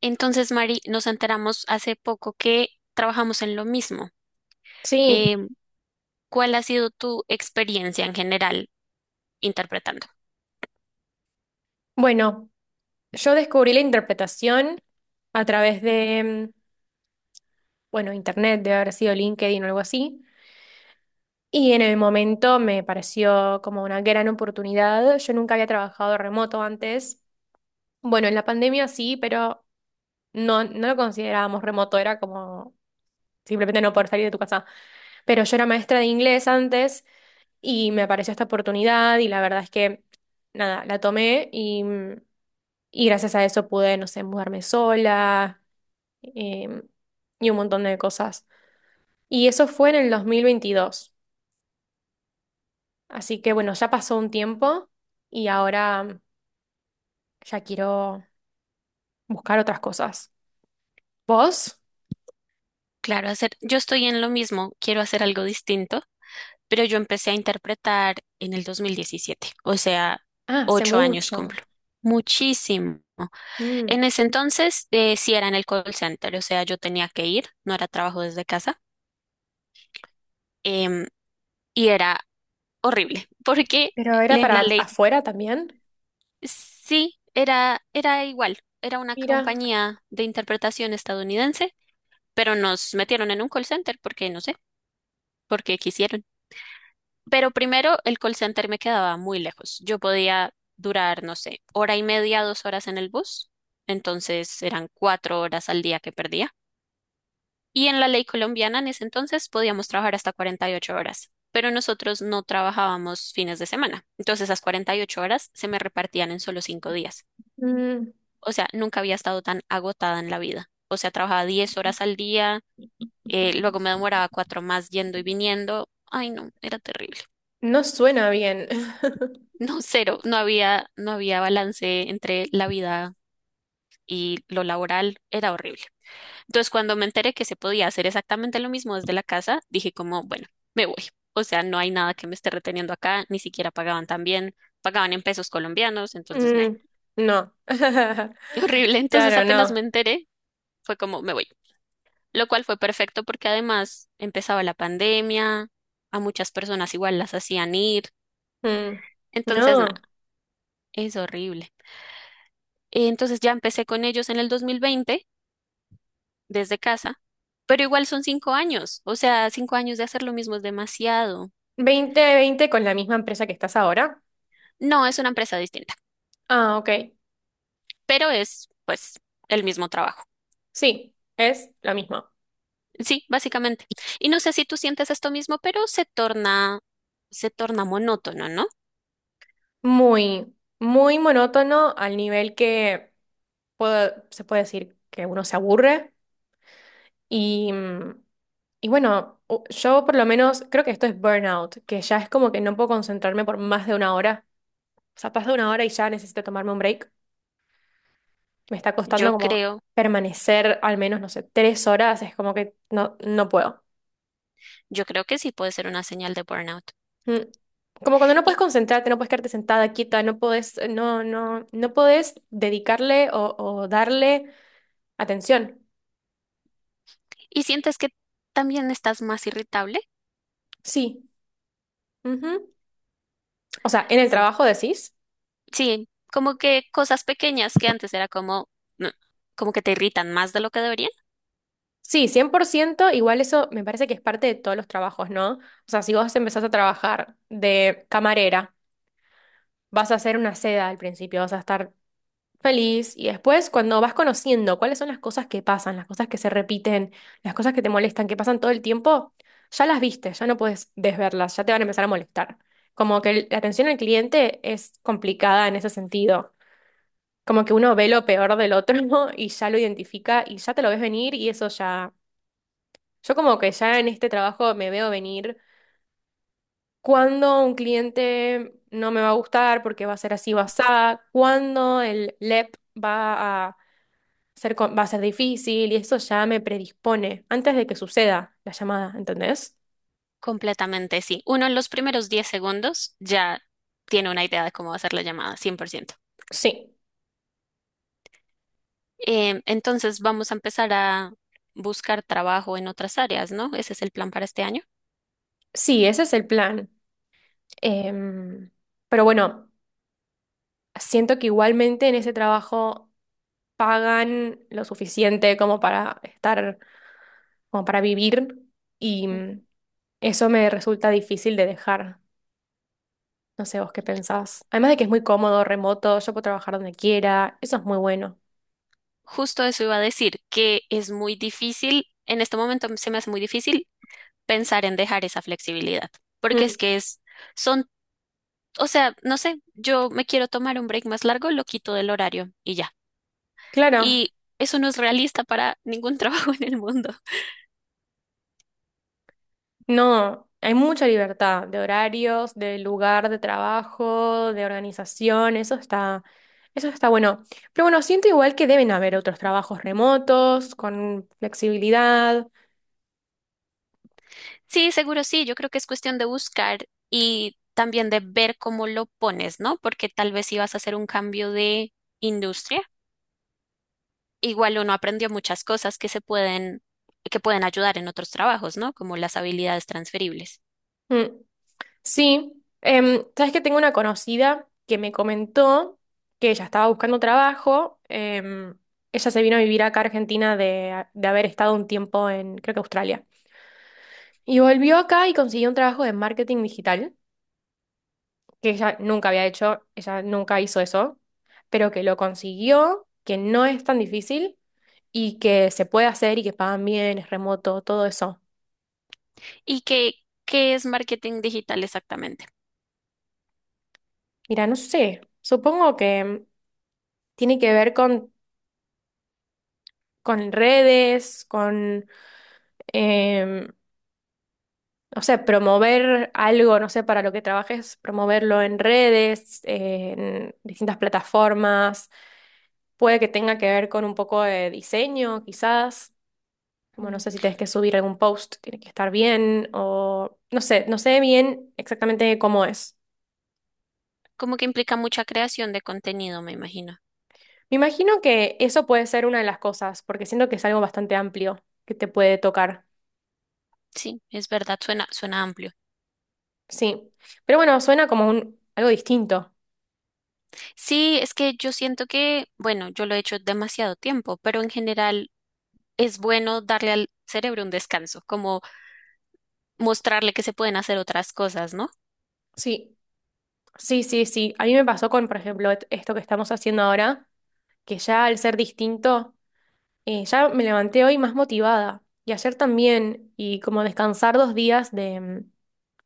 Entonces, Mari, nos enteramos hace poco que trabajamos en lo mismo. Sí, Eh, ¿Cuál ha sido tu experiencia en general interpretando? bueno, yo descubrí la interpretación a través de, bueno, internet, de haber sido LinkedIn o algo así, y en el momento me pareció como una gran oportunidad. Yo nunca había trabajado remoto antes. Bueno, en la pandemia sí, pero no, no lo considerábamos remoto, era como simplemente no poder salir de tu casa. Pero yo era maestra de inglés antes y me apareció esta oportunidad y la verdad es que, nada, la tomé y gracias a eso pude, no sé, mudarme sola em, y un montón de cosas. Y eso fue en el 2022. Así que bueno, ya pasó un tiempo y ahora ya quiero buscar otras cosas. ¿Vos? Claro, hacer, yo estoy en lo mismo, quiero hacer algo distinto. Pero yo empecé a interpretar en el 2017, o sea, Ah, hace 8 años mucho. cumplo. Muchísimo. Mm. En ese entonces, sí era en el call center, o sea, yo tenía que ir, no era trabajo desde casa, em, y era horrible, porque Pero era en para la ley afuera también. sí era, era igual, era una Mira, compañía de interpretación estadounidense, pero nos metieron en un call center porque, no sé, porque quisieron. Pero primero, el call center me quedaba muy lejos. Yo podía durar, no sé, hora y media, 2 horas en el bus. Entonces eran 4 horas al día que perdía. Y en la ley colombiana en ese entonces podíamos trabajar hasta 48 horas, pero nosotros no trabajábamos fines de semana. Entonces esas 48 horas se me repartían en solo 5 días. mm, O sea, nunca había estado tan agotada en la vida. O sea, trabajaba 10 horas al día, luego me demoraba cuatro más yendo y viniendo. Ay, no, era terrible. no suena bien. No, cero, no había balance entre la vida y lo laboral, era horrible. Entonces, cuando me enteré que se podía hacer exactamente lo mismo desde la casa, dije como, bueno, me voy. O sea, no hay nada que me esté reteniendo acá, ni siquiera pagaban tan bien, pagaban en pesos colombianos, entonces, meh, Mm, no. horrible. Entonces, Claro, apenas no. me enteré, fue como, me voy. Lo cual fue perfecto porque además empezaba la pandemia, a muchas personas igual las hacían ir, Mm, entonces, nada, no. es horrible. Entonces ya empecé con ellos en el 2020 desde casa, pero igual son 5 años, o sea, 5 años de hacer lo mismo es demasiado. ¿2020 con la misma empresa que estás ahora? No, es una empresa distinta, Ah, ok. pero es pues el mismo trabajo. Sí, es la misma. Sí, básicamente. Y no sé si tú sientes esto mismo, pero se torna monótono, ¿no? Muy, muy monótono al nivel que se puede decir que uno se aburre y, mm, y bueno, yo por lo menos creo que esto es burnout, que ya es como que no puedo concentrarme por más de una hora. O sea, pasa una hora y ya necesito tomarme un break. Me está Yo costando como creo, permanecer al menos, no sé, 3 horas, es como que no, no puedo. yo creo que sí puede ser una señal de burnout. Mm. Como cuando no puedes ¿Y, concentrarte, no puedes quedarte sentada, quieta, no puedes, no, no, no puedes dedicarle o darle atención. y sientes que también estás más irritable? Sí. Ujú. O sea, en el Sí. trabajo decís. Sí, como que cosas pequeñas que antes era como, mm, como que te irritan más de lo que deberían. Sí, 100%. Igual eso me parece que es parte de todos los trabajos, ¿no? O sea, si vos empezás a trabajar de camarera, vas a hacer una seda al principio, vas a estar feliz. Y después, cuando vas conociendo cuáles son las cosas que pasan, las cosas que se repiten, las cosas que te molestan, que pasan todo el tiempo, ya las viste, ya no puedes desverlas, ya te van a empezar a molestar. Como que la atención al cliente es complicada en ese sentido. Como que uno ve lo peor del otro y ya lo identifica y ya te lo ves venir y eso ya. Yo como que ya en este trabajo me veo venir cuando un cliente no me va a gustar porque va a ser así, va a cuando el LEP va a va a ser difícil y eso ya me predispone antes de que suceda la llamada, ¿entendés? Completamente, sí. Uno en los primeros 10 segundos ya tiene una idea de cómo va a ser la llamada, 100%. Sí, Entonces vamos a empezar a buscar trabajo en otras áreas, ¿no? Ese es el plan para este año. sí, ese es el plan. Em, pero bueno, siento que igualmente en ese trabajo pagan lo suficiente como para estar, como para vivir y Mm. Eso me resulta difícil de dejar. No sé vos qué pensás. Además de que es muy cómodo, remoto, yo puedo trabajar donde quiera, eso es muy bueno. Justo eso iba a decir, que es muy difícil, en este momento se me hace muy difícil pensar en dejar esa flexibilidad, porque es Mm, que es, son, o sea, no sé, yo me quiero tomar un break más largo, lo quito del horario y ya. claro. Y eso no es realista para ningún trabajo en el mundo. No, hay mucha libertad de horarios, de lugar de trabajo, de organización, eso está bueno. Pero bueno, siento igual que deben haber otros trabajos remotos, con flexibilidad. Sí, seguro sí, yo creo que es cuestión de buscar y también de ver cómo lo pones, ¿no? Porque tal vez si vas a hacer un cambio de industria. Igual uno aprendió muchas cosas que se pueden, que pueden ayudar en otros trabajos, ¿no? Como las habilidades transferibles. Mm. Sí. Sabes que tengo una conocida que me comentó que ella estaba buscando trabajo. Ella se vino a vivir acá a Argentina de haber estado un tiempo en, creo que Australia. Y volvió acá y consiguió un trabajo de marketing digital, que ella nunca había hecho, ella nunca hizo eso, pero que lo consiguió, que no es tan difícil y que se puede hacer y que pagan bien, es remoto, todo eso. ¿Y qué, ¿Qué es marketing digital exactamente? Mira, no sé, supongo que tiene que ver con, redes, eh, o sea, promover algo, no sé, para lo que trabajes, promoverlo en redes, en distintas plataformas. Puede que tenga que ver con un poco de diseño, quizás. Como no Mm, sé si tenés que subir algún post, tiene que estar bien o no sé, no sé bien exactamente cómo es. como que implica mucha creación de contenido, me imagino. Me imagino que eso puede ser una de las cosas, porque siento que es algo bastante amplio que te puede tocar. Sí, es verdad, suena, suena amplio. Sí. Pero bueno, suena como un algo distinto. Sí, es que yo siento que, bueno, yo lo he hecho demasiado tiempo, pero en general es bueno darle al cerebro un descanso, como mostrarle que se pueden hacer otras cosas, ¿no? Sí, sí, sí, sí. A mí me pasó con, por ejemplo, esto que estamos haciendo ahora, que ya al ser distinto, ya me levanté hoy más motivada. Y ayer también, y como descansar 2 días de, mm,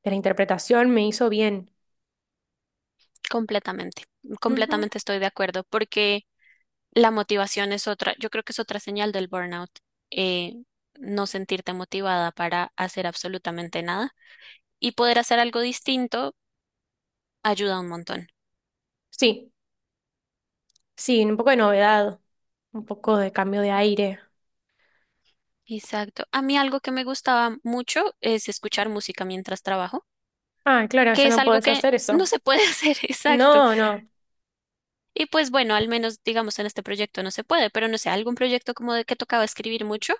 de la interpretación me hizo bien. Completamente, Ujú. completamente estoy de acuerdo, porque la motivación es otra, yo creo que es otra señal del burnout, eh, no sentirte motivada para hacer absolutamente nada y poder hacer algo distinto ayuda un montón. Sí. Sí, un poco de novedad, un poco de cambio de aire. Exacto. A mí algo que me gustaba mucho es escuchar música mientras trabajo, Ah, claro, que ya es no algo podés que hacer eso. no se puede hacer, exacto. No, no. Y pues bueno, al menos digamos en este proyecto no se puede, pero no sé, algún proyecto como de que tocaba escribir mucho,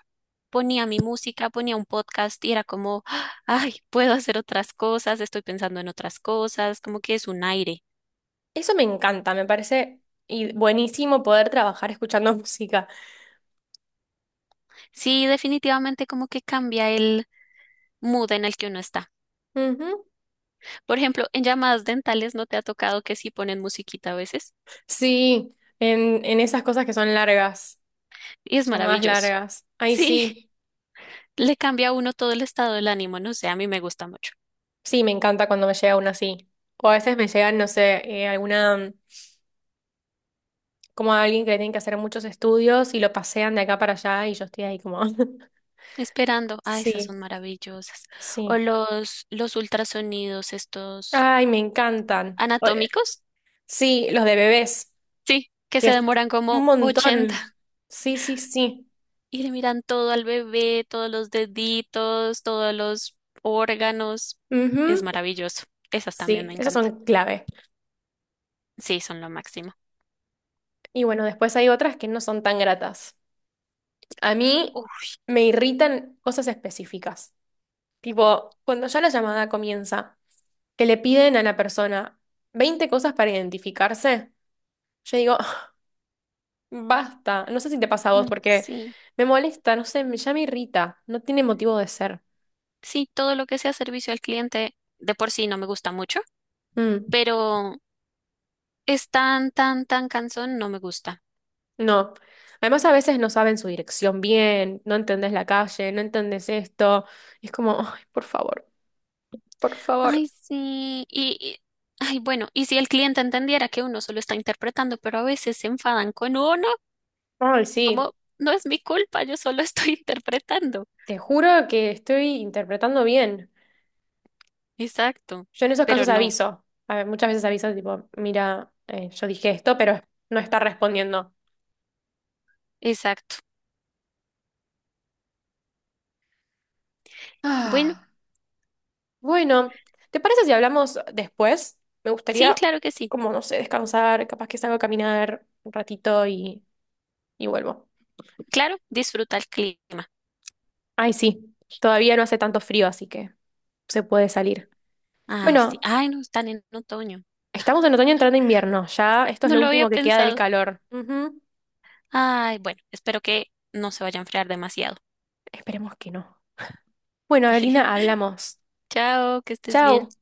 ponía mi música, ponía un podcast y era como, ¡ah! Ay, puedo hacer otras cosas, estoy pensando en otras cosas, como que es un aire. Eso me encanta, me parece buenísimo poder trabajar escuchando música. Sí, definitivamente como que cambia el mood en el que uno está. Ujú. Por ejemplo, en llamadas dentales no te ha tocado que sí ponen musiquita a veces Sí, en esas cosas que son largas, y es llamadas maravilloso. largas. Ay, Sí. sí. Le cambia a uno todo el estado del ánimo, no sé, a mí me gusta mucho. Sí, me encanta cuando me llega una así. O a veces me llegan, no sé, alguna, como a alguien que le tienen que hacer muchos estudios y lo pasean de acá para allá y yo estoy ahí como. Esperando, ah, esas Sí, son maravillosas. O sí. Los ultrasonidos, estos Ay, me encantan. anatómicos, Sí, los de bebés, sí, que que se es demoran un como 80 montón. Sí, sí, sí. y le miran todo al bebé, todos los deditos, todos los órganos. Es Ujú. maravilloso. Esas también Sí, me esos encantan. son clave. Sí, son lo máximo. Y bueno, después hay otras que no son tan gratas. A mí Uf, me irritan cosas específicas. Tipo, cuando ya la llamada comienza, que le piden a la persona 20 cosas para identificarse, yo digo, "Ah, basta". No sé si te pasa a vos, ay, porque sí. me molesta, no sé, ya me irrita. No tiene motivo de ser. Sí, todo lo que sea servicio al cliente de por sí no me gusta mucho, Mm. pero es tan, tan, tan cansón, no me gusta. No. Además, a veces no saben su dirección bien, no entendés la calle, no entendés esto. Es como, ay, por favor, por favor. Ay, sí. Ay, bueno, y si el cliente entendiera que uno solo está interpretando, pero a veces se enfadan con uno, Ay, es sí, como, no es mi culpa, yo solo estoy interpretando. te juro que estoy interpretando bien. Exacto. Yo en esos Pero casos no, aviso. A ver, muchas veces aviso, tipo, mira, yo dije esto, pero no está respondiendo. exacto. Bueno, Ah, bueno, ¿te parece si hablamos después? Me sí, gustaría, claro que sí. como, no sé, descansar, capaz que salgo a caminar un ratito y vuelvo. Claro, disfruta el clima. Ay, sí, todavía no hace tanto frío, así que se puede salir. Ay, sí. Bueno, Ay, no, están en otoño. estamos en otoño entrando invierno, ya esto es No lo lo había último que queda del pensado. calor. Ujú. Ay, bueno, espero que no se vaya a enfriar demasiado. Esperemos que no. Bueno, Evelina, hablamos. Chao, que estés bien. Chao.